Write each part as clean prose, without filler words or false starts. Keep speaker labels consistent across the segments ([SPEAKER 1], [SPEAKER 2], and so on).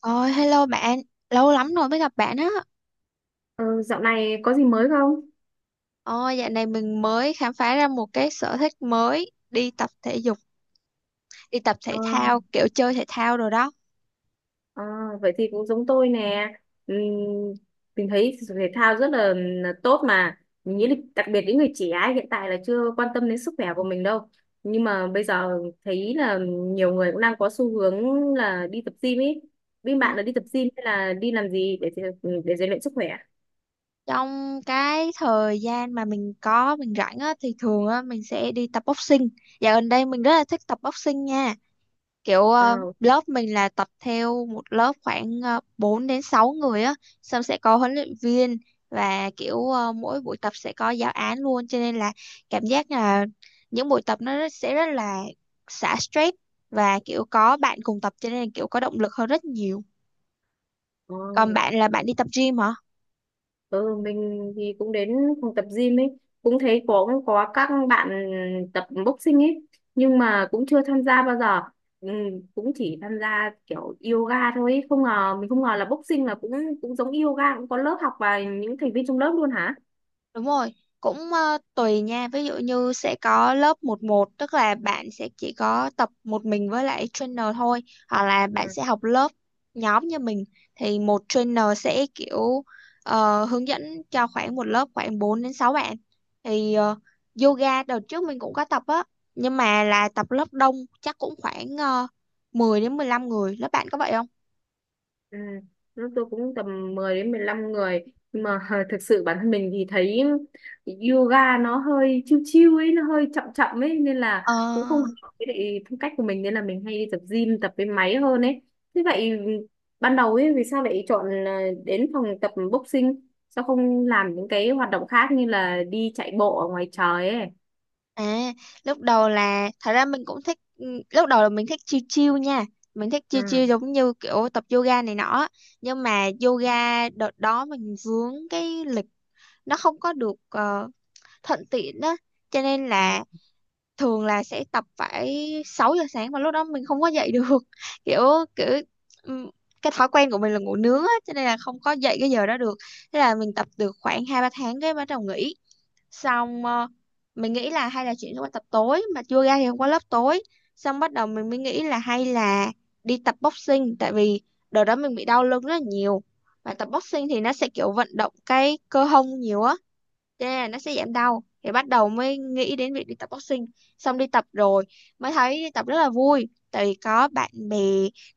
[SPEAKER 1] Ôi, hello bạn, lâu lắm rồi mới gặp bạn á.
[SPEAKER 2] Ờ, dạo này có gì mới không?
[SPEAKER 1] Ôi, dạo này mình mới khám phá ra một cái sở thích mới, đi tập thể dục, đi tập
[SPEAKER 2] Ờ,
[SPEAKER 1] thể thao, kiểu chơi thể thao rồi đó.
[SPEAKER 2] ờ, vậy thì cũng giống tôi nè. Ừm, mình thấy thể thao rất là tốt mà. Mình nghĩ là đặc biệt những người trẻ ấy, hiện tại là chưa quan tâm đến sức khỏe của mình đâu. Nhưng mà bây giờ thấy là nhiều người cũng đang có xu hướng là đi tập gym ấy. Bên
[SPEAKER 1] Ừ.
[SPEAKER 2] bạn là đi tập gym hay là đi làm gì để rèn luyện sức khỏe?
[SPEAKER 1] Trong cái thời gian mà mình có, mình rảnh á, thì thường á, mình sẽ đi tập boxing. Dạo gần đây mình rất là thích tập boxing nha. Kiểu
[SPEAKER 2] Ờ,
[SPEAKER 1] lớp mình là tập theo một lớp khoảng 4 đến 6 người á, xong sẽ có huấn luyện viên và kiểu mỗi buổi tập sẽ có giáo án luôn, cho nên là cảm giác là những buổi tập nó sẽ rất là xả stress, và kiểu có bạn cùng tập cho nên là kiểu có động lực hơn rất nhiều.
[SPEAKER 2] ờ.
[SPEAKER 1] Còn bạn là bạn đi tập gym hả?
[SPEAKER 2] Ừ, mình thì cũng đến phòng tập gym ấy, cũng thấy có các bạn tập boxing ấy, nhưng mà cũng chưa tham gia bao giờ, ừ, cũng chỉ tham gia kiểu yoga thôi ấy. Không ngờ mình không ngờ là boxing là cũng cũng giống yoga, cũng có lớp học và những thành viên trong lớp luôn hả?
[SPEAKER 1] Đúng rồi, cũng tùy nha. Ví dụ như sẽ có lớp một một, tức là bạn sẽ chỉ có tập một mình với lại trainer thôi, hoặc là bạn sẽ học lớp nhóm như mình, thì một trainer sẽ kiểu hướng dẫn cho khoảng một lớp khoảng 4 đến 6 bạn. Thì yoga đợt trước mình cũng có tập á, nhưng mà là tập lớp đông, chắc cũng khoảng uh, 10 đến 15 người. Lớp bạn có vậy không?
[SPEAKER 2] Ừ. Lúc tôi cũng tầm 10 đến 15 người, nhưng mà thực sự bản thân mình thì thấy yoga nó hơi chill chill ấy, nó hơi chậm chậm ấy, nên là
[SPEAKER 1] Ờ.
[SPEAKER 2] cũng không hợp với lại phong cách của mình, nên là mình hay đi tập gym, tập với máy hơn ấy. Thế vậy ban đầu ấy vì sao lại chọn là đến phòng tập boxing, sao không làm những cái hoạt động khác như là đi chạy bộ ở ngoài trời ấy?
[SPEAKER 1] À, lúc đầu là thật ra mình cũng thích lúc đầu là mình thích chill chill nha. Mình thích chill chill giống như kiểu tập yoga này nọ. Nhưng mà yoga đợt đó mình vướng cái lịch, nó không có được thuận tiện á. Cho nên
[SPEAKER 2] Ừ.
[SPEAKER 1] là thường là sẽ tập phải 6 giờ sáng mà lúc đó mình không có dậy được. Kiểu kiểu ừm, cái thói quen của mình là ngủ nướng á cho nên là không có dậy cái giờ đó được. Thế là mình tập được khoảng 2 3 tháng cái bắt đầu nghỉ. Xong mình nghĩ là hay là chuyển sang tập tối, mà chưa ra thì không có lớp tối. Xong bắt đầu mình mới nghĩ là hay là đi tập boxing, tại vì đợt đó mình bị đau lưng rất là nhiều, và tập boxing thì nó sẽ kiểu vận động cái cơ hông nhiều á, yeah, nó sẽ giảm đau. Thì bắt đầu mới nghĩ đến việc đi tập boxing. Xong đi tập rồi mới thấy đi tập rất là vui, tại vì có bạn bè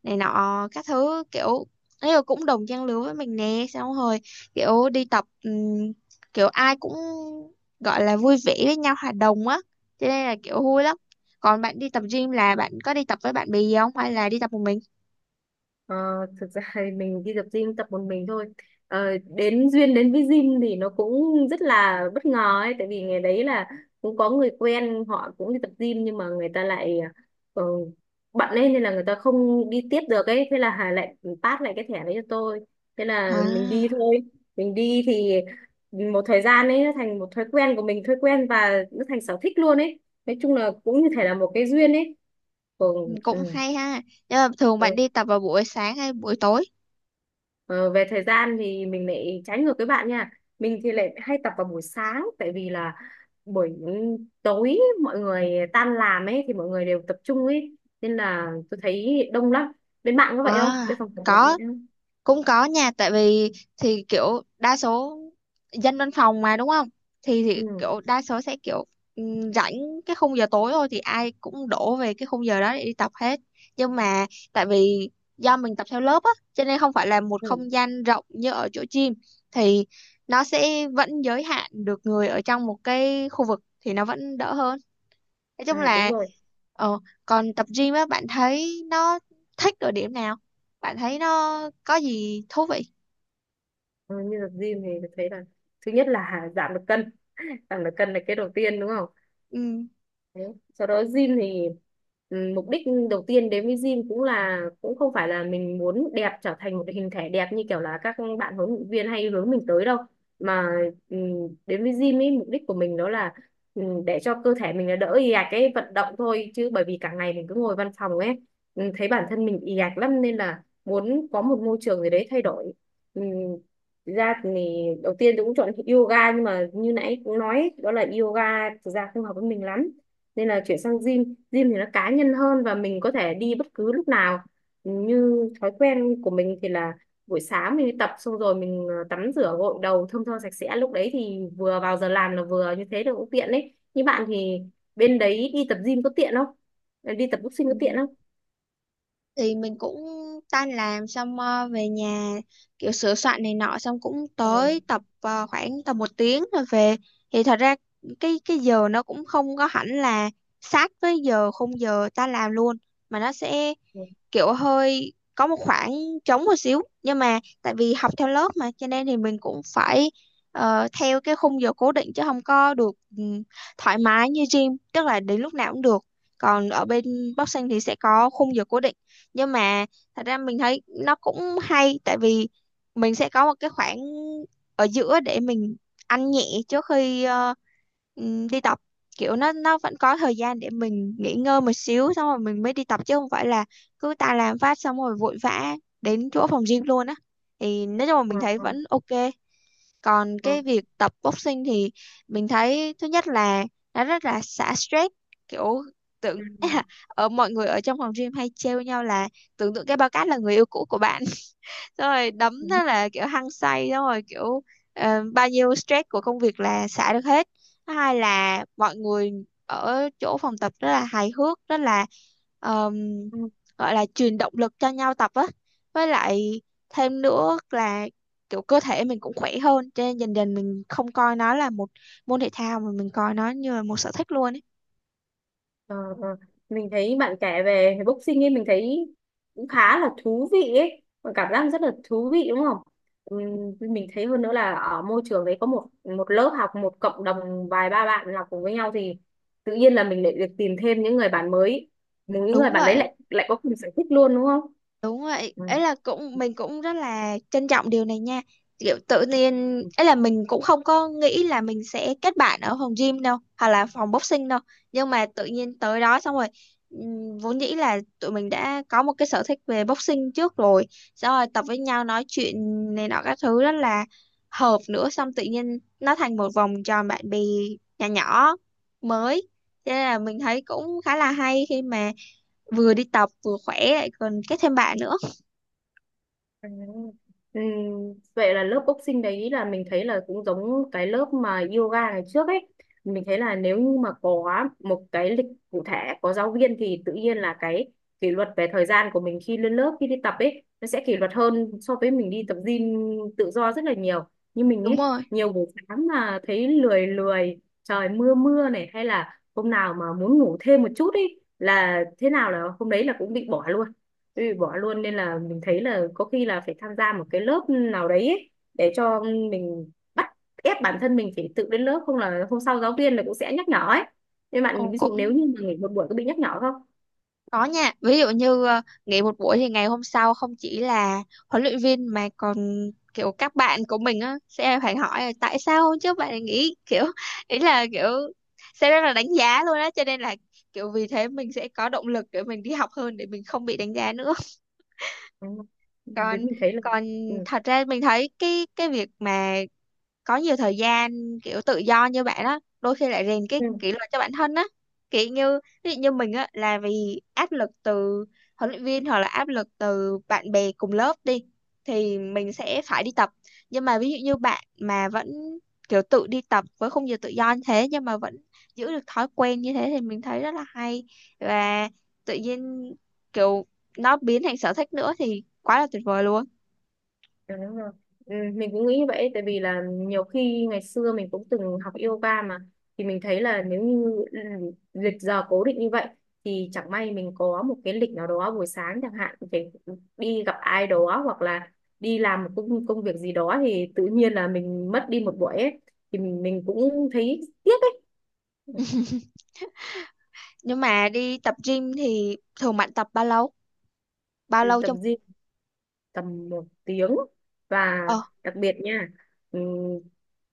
[SPEAKER 1] này nọ các thứ, kiểu ấy là cũng đồng trang lứa với mình nè. Xong rồi kiểu đi tập, kiểu ai cũng gọi là vui vẻ với nhau, hòa đồng á, cho nên là kiểu vui lắm. Còn bạn đi tập gym là bạn có đi tập với bạn bè gì không, hay là đi tập một mình?
[SPEAKER 2] Ờ, thực ra thì mình đi tập gym tập một mình thôi. Ờ, đến duyên đến với gym thì nó cũng rất là bất ngờ ấy, tại vì ngày đấy là cũng có người quen họ cũng đi tập gym, nhưng mà người ta lại, ờ, bận lên nên là người ta không đi tiếp được ấy, thế là Hà lại pass lại cái thẻ đấy cho tôi, thế là mình đi
[SPEAKER 1] À,
[SPEAKER 2] thôi. Mình đi thì một thời gian ấy nó thành một thói quen của mình, thói quen và nó thành sở thích luôn ấy. Nói chung là cũng như thể là một cái duyên ấy. Còn. Ừ.
[SPEAKER 1] cũng hay ha. Nhưng mà thường bạn đi
[SPEAKER 2] Ừ.
[SPEAKER 1] tập vào buổi sáng hay buổi tối?
[SPEAKER 2] Ờ, về thời gian thì mình lại trái ngược với bạn nha. Mình thì lại hay tập vào buổi sáng, tại vì là buổi tối mọi người tan làm ấy thì mọi người đều tập trung ấy, nên là tôi thấy đông lắm. Bên bạn có vậy không,
[SPEAKER 1] À,
[SPEAKER 2] bên phòng của bạn có
[SPEAKER 1] có,
[SPEAKER 2] vậy không?
[SPEAKER 1] cũng có nha. Tại vì thì kiểu đa số dân văn phòng mà đúng không, thì
[SPEAKER 2] Ừ,
[SPEAKER 1] kiểu đa số sẽ kiểu rảnh cái khung giờ tối thôi, thì ai cũng đổ về cái khung giờ đó để đi tập hết. Nhưng mà, tại vì do mình tập theo lớp á cho nên không phải là một
[SPEAKER 2] ừ.
[SPEAKER 1] không gian rộng như ở chỗ gym, thì nó sẽ vẫn giới hạn được người ở trong một cái khu vực, thì nó vẫn đỡ hơn. Nói chung
[SPEAKER 2] À, đúng
[SPEAKER 1] là
[SPEAKER 2] rồi.
[SPEAKER 1] ờ, còn tập gym á, bạn thấy nó thích ở điểm nào, bạn thấy nó có gì thú vị?
[SPEAKER 2] Ờ, như tập gym thì tôi thấy là thứ nhất là giảm được cân, giảm được cân là cái đầu tiên đúng không?
[SPEAKER 1] Ừ.
[SPEAKER 2] Đấy. Sau đó gym thì, ừ, mục đích đầu tiên đến với gym cũng là cũng không phải là mình muốn đẹp, trở thành một hình thể đẹp như kiểu là các bạn huấn luyện viên hay hướng mình tới đâu, mà, ừ, đến với gym ấy, mục đích của mình đó là, ừ, để cho cơ thể mình nó đỡ ì ạch, cái vận động thôi, chứ bởi vì cả ngày mình cứ ngồi văn phòng ấy, ừ, thấy bản thân mình ì ạch lắm nên là muốn có một môi trường gì đấy thay đổi. Ừ, thực ra thì đầu tiên tôi cũng chọn yoga, nhưng mà như nãy cũng nói ấy, đó là yoga thực ra không hợp với mình lắm, nên là chuyển sang gym. Gym thì nó cá nhân hơn và mình có thể đi bất cứ lúc nào, như thói quen của mình thì là buổi sáng mình đi tập xong rồi mình, ờ, tắm rửa gội đầu thơm tho sạch sẽ, lúc đấy thì vừa vào giờ làm là vừa như thế được, cũng tiện đấy. Như bạn thì bên đấy đi tập gym có tiện không, đi tập boxing có tiện
[SPEAKER 1] Ừ.
[SPEAKER 2] không?
[SPEAKER 1] Thì mình cũng tan làm xong về nhà, kiểu sửa soạn này nọ, xong cũng tới
[SPEAKER 2] Ừ.
[SPEAKER 1] tập khoảng tầm một tiếng rồi về. Thì thật ra cái giờ nó cũng không có hẳn là sát với giờ khung giờ ta làm luôn, mà nó sẽ kiểu hơi có một khoảng trống một xíu. Nhưng mà tại vì học theo lớp mà cho nên thì mình cũng phải theo cái khung giờ cố định, chứ không có được ừm, thoải mái như gym, tức là đến lúc nào cũng được. Còn ở bên boxing thì sẽ có khung giờ cố định, nhưng mà thật ra mình thấy nó cũng hay, tại vì mình sẽ có một cái khoảng ở giữa để mình ăn nhẹ trước khi đi tập, kiểu nó vẫn có thời gian để mình nghỉ ngơi một xíu, xong rồi mình mới đi tập, chứ không phải là cứ ta làm phát xong rồi vội vã đến chỗ phòng gym luôn á. Thì nói chung là
[SPEAKER 2] Ừ.
[SPEAKER 1] mình thấy vẫn ok. Còn
[SPEAKER 2] Ừ.
[SPEAKER 1] cái việc tập boxing thì mình thấy thứ nhất là nó rất là xả stress, kiểu tưởng
[SPEAKER 2] Ừ.
[SPEAKER 1] ở mọi người ở trong phòng gym hay trêu nhau là tưởng tượng cái bao cát là người yêu cũ của bạn, xong rồi đấm,
[SPEAKER 2] Ừ.
[SPEAKER 1] thế là kiểu hăng say. Xong rồi kiểu bao nhiêu stress của công việc là xả được hết. Thứ hai là mọi người ở chỗ phòng tập rất là hài hước, rất là ờm,
[SPEAKER 2] Ừ.
[SPEAKER 1] gọi là truyền động lực cho nhau tập á. Với lại thêm nữa là kiểu cơ thể mình cũng khỏe hơn, cho nên dần dần mình không coi nó là một môn thể thao mà mình coi nó như là một sở thích luôn ấy.
[SPEAKER 2] Ờ, ờ. Mình thấy bạn kể về boxing ấy mình thấy cũng khá là thú vị ấy, và cảm giác rất là thú vị đúng không? Ừm, mình thấy hơn nữa là ở môi trường đấy có một một lớp học, một cộng đồng vài ba bạn học cùng với nhau, thì tự nhiên là mình lại được tìm thêm những người bạn mới, những người
[SPEAKER 1] Đúng
[SPEAKER 2] bạn đấy
[SPEAKER 1] vậy.
[SPEAKER 2] lại lại có cùng sở thích luôn đúng không?
[SPEAKER 1] Đúng vậy, ấy là cũng mình cũng rất là trân trọng điều này nha. Kiểu tự nhiên ấy là mình cũng không có nghĩ là mình sẽ kết bạn ở phòng gym đâu, hoặc là phòng boxing đâu. Nhưng mà tự nhiên tới đó xong rồi vốn dĩ là tụi mình đã có một cái sở thích về boxing trước rồi. Xong rồi tập với nhau, nói chuyện này nọ các thứ rất là hợp nữa, xong tự nhiên nó thành một vòng tròn bạn bè nhỏ nhỏ mới. Thế là mình thấy cũng khá là hay khi mà vừa đi tập vừa khỏe lại còn kết thêm bạn nữa.
[SPEAKER 2] Ừ. Ừ, vậy là lớp boxing đấy là mình thấy là cũng giống cái lớp mà yoga ngày trước ấy. Mình thấy là nếu như mà có một cái lịch cụ thể, có giáo viên thì tự nhiên là cái kỷ luật về thời gian của mình khi lên lớp, khi đi tập ấy, nó sẽ kỷ luật hơn so với mình đi tập gym tự do rất là nhiều. Như mình
[SPEAKER 1] Đúng
[SPEAKER 2] ấy,
[SPEAKER 1] rồi.
[SPEAKER 2] nhiều buổi sáng mà thấy lười lười, trời mưa mưa này hay là hôm nào mà muốn ngủ thêm một chút ấy là thế nào là hôm đấy là cũng bị bỏ luôn, bị bỏ luôn, nên là mình thấy là có khi là phải tham gia một cái lớp nào đấy ấy, để cho mình bắt ép bản thân mình phải tự đến lớp, không là hôm sau giáo viên là cũng sẽ nhắc nhở ấy. Nên bạn
[SPEAKER 1] Ồ,
[SPEAKER 2] ví dụ nếu
[SPEAKER 1] cũng
[SPEAKER 2] như mà nghỉ một buổi có bị nhắc nhở không?
[SPEAKER 1] có nha. Ví dụ như nghỉ một buổi thì ngày hôm sau không chỉ là huấn luyện viên mà còn kiểu các bạn của mình á sẽ phải hỏi là tại sao hôm trước bạn lại nghỉ, kiểu ý là kiểu sẽ rất là đánh giá luôn á, cho nên là kiểu vì thế mình sẽ có động lực để mình đi học hơn, để mình không bị đánh giá nữa.
[SPEAKER 2] Ừ. Với
[SPEAKER 1] Còn
[SPEAKER 2] mình thấy là,
[SPEAKER 1] còn
[SPEAKER 2] ừ.
[SPEAKER 1] thật ra mình thấy cái việc mà có nhiều thời gian kiểu tự do như bạn á, đôi khi lại rèn cái
[SPEAKER 2] Ừ.
[SPEAKER 1] kỷ luật cho bản thân á, kiểu như ví dụ như mình á là vì áp lực từ huấn luyện viên hoặc là áp lực từ bạn bè cùng lớp đi, thì mình sẽ phải đi tập. Nhưng mà ví dụ như bạn mà vẫn kiểu tự đi tập với khung giờ tự do như thế nhưng mà vẫn giữ được thói quen như thế, thì mình thấy rất là hay, và tự nhiên kiểu nó biến thành sở thích nữa thì quá là tuyệt vời luôn.
[SPEAKER 2] Ừ, đúng rồi. Ừ, mình cũng nghĩ vậy tại vì là nhiều khi ngày xưa mình cũng từng học yoga mà, thì mình thấy là nếu như, ừ, lịch giờ cố định như vậy thì chẳng may mình có một cái lịch nào đó buổi sáng chẳng hạn phải đi gặp ai đó hoặc là đi làm một công việc gì đó thì tự nhiên là mình mất đi một buổi ấy, thì mình cũng thấy tiếc ấy.
[SPEAKER 1] Nhưng mà đi tập gym thì thường bạn tập bao lâu bao
[SPEAKER 2] Ừ,
[SPEAKER 1] lâu
[SPEAKER 2] tập
[SPEAKER 1] cho
[SPEAKER 2] gym tầm 1 tiếng. Và
[SPEAKER 1] ờ
[SPEAKER 2] đặc biệt nha, ừm,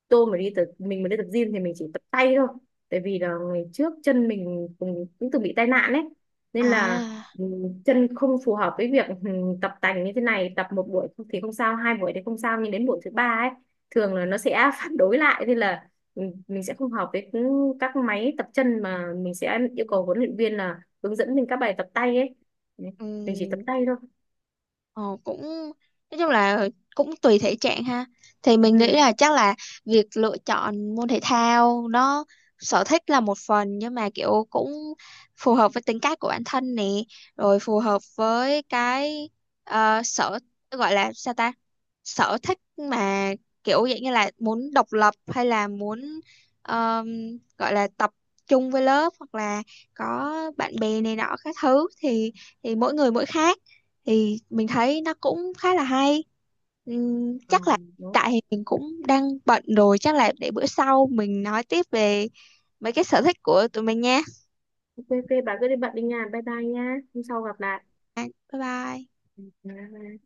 [SPEAKER 2] tôi mà đi tập mình mà đi tập gym thì mình chỉ tập tay thôi, tại vì là ngày trước chân mình cũng từng bị tai nạn đấy nên là,
[SPEAKER 1] à
[SPEAKER 2] chân không phù hợp với việc, tập tành như thế này, tập một buổi thì không sao, hai buổi thì không sao, nhưng đến buổi thứ ba ấy thường là nó sẽ phản đối lại, nên là mình sẽ không hợp với những các máy tập chân, mà mình sẽ yêu cầu huấn luyện viên là hướng dẫn mình các bài tập tay ấy. Đấy, mình chỉ tập
[SPEAKER 1] ừm,
[SPEAKER 2] tay thôi.
[SPEAKER 1] ờ, cũng nói chung là cũng tùy thể trạng ha. Thì
[SPEAKER 2] Ừ.
[SPEAKER 1] mình nghĩ là chắc là việc lựa chọn môn thể thao nó, sở thích là một phần, nhưng mà kiểu cũng phù hợp với tính cách của bản thân nè, rồi phù hợp với cái ờ, sở gọi là sao ta, sở thích mà, kiểu dạng như là muốn độc lập hay là muốn ờm, gọi là tập trung với lớp hoặc là có bạn bè này nọ các thứ, thì mỗi người mỗi khác, thì mình thấy nó cũng khá là hay.
[SPEAKER 2] Ờ,
[SPEAKER 1] Chắc là
[SPEAKER 2] đúng.
[SPEAKER 1] tại thì mình cũng đang bận rồi, chắc là để bữa sau mình nói tiếp về mấy cái sở thích của tụi mình nha.
[SPEAKER 2] Ok ok, bà cứ đi bận đi nha, bye bye nha, hôm sau gặp lại.
[SPEAKER 1] Bye bye.
[SPEAKER 2] Ừ, bye bye.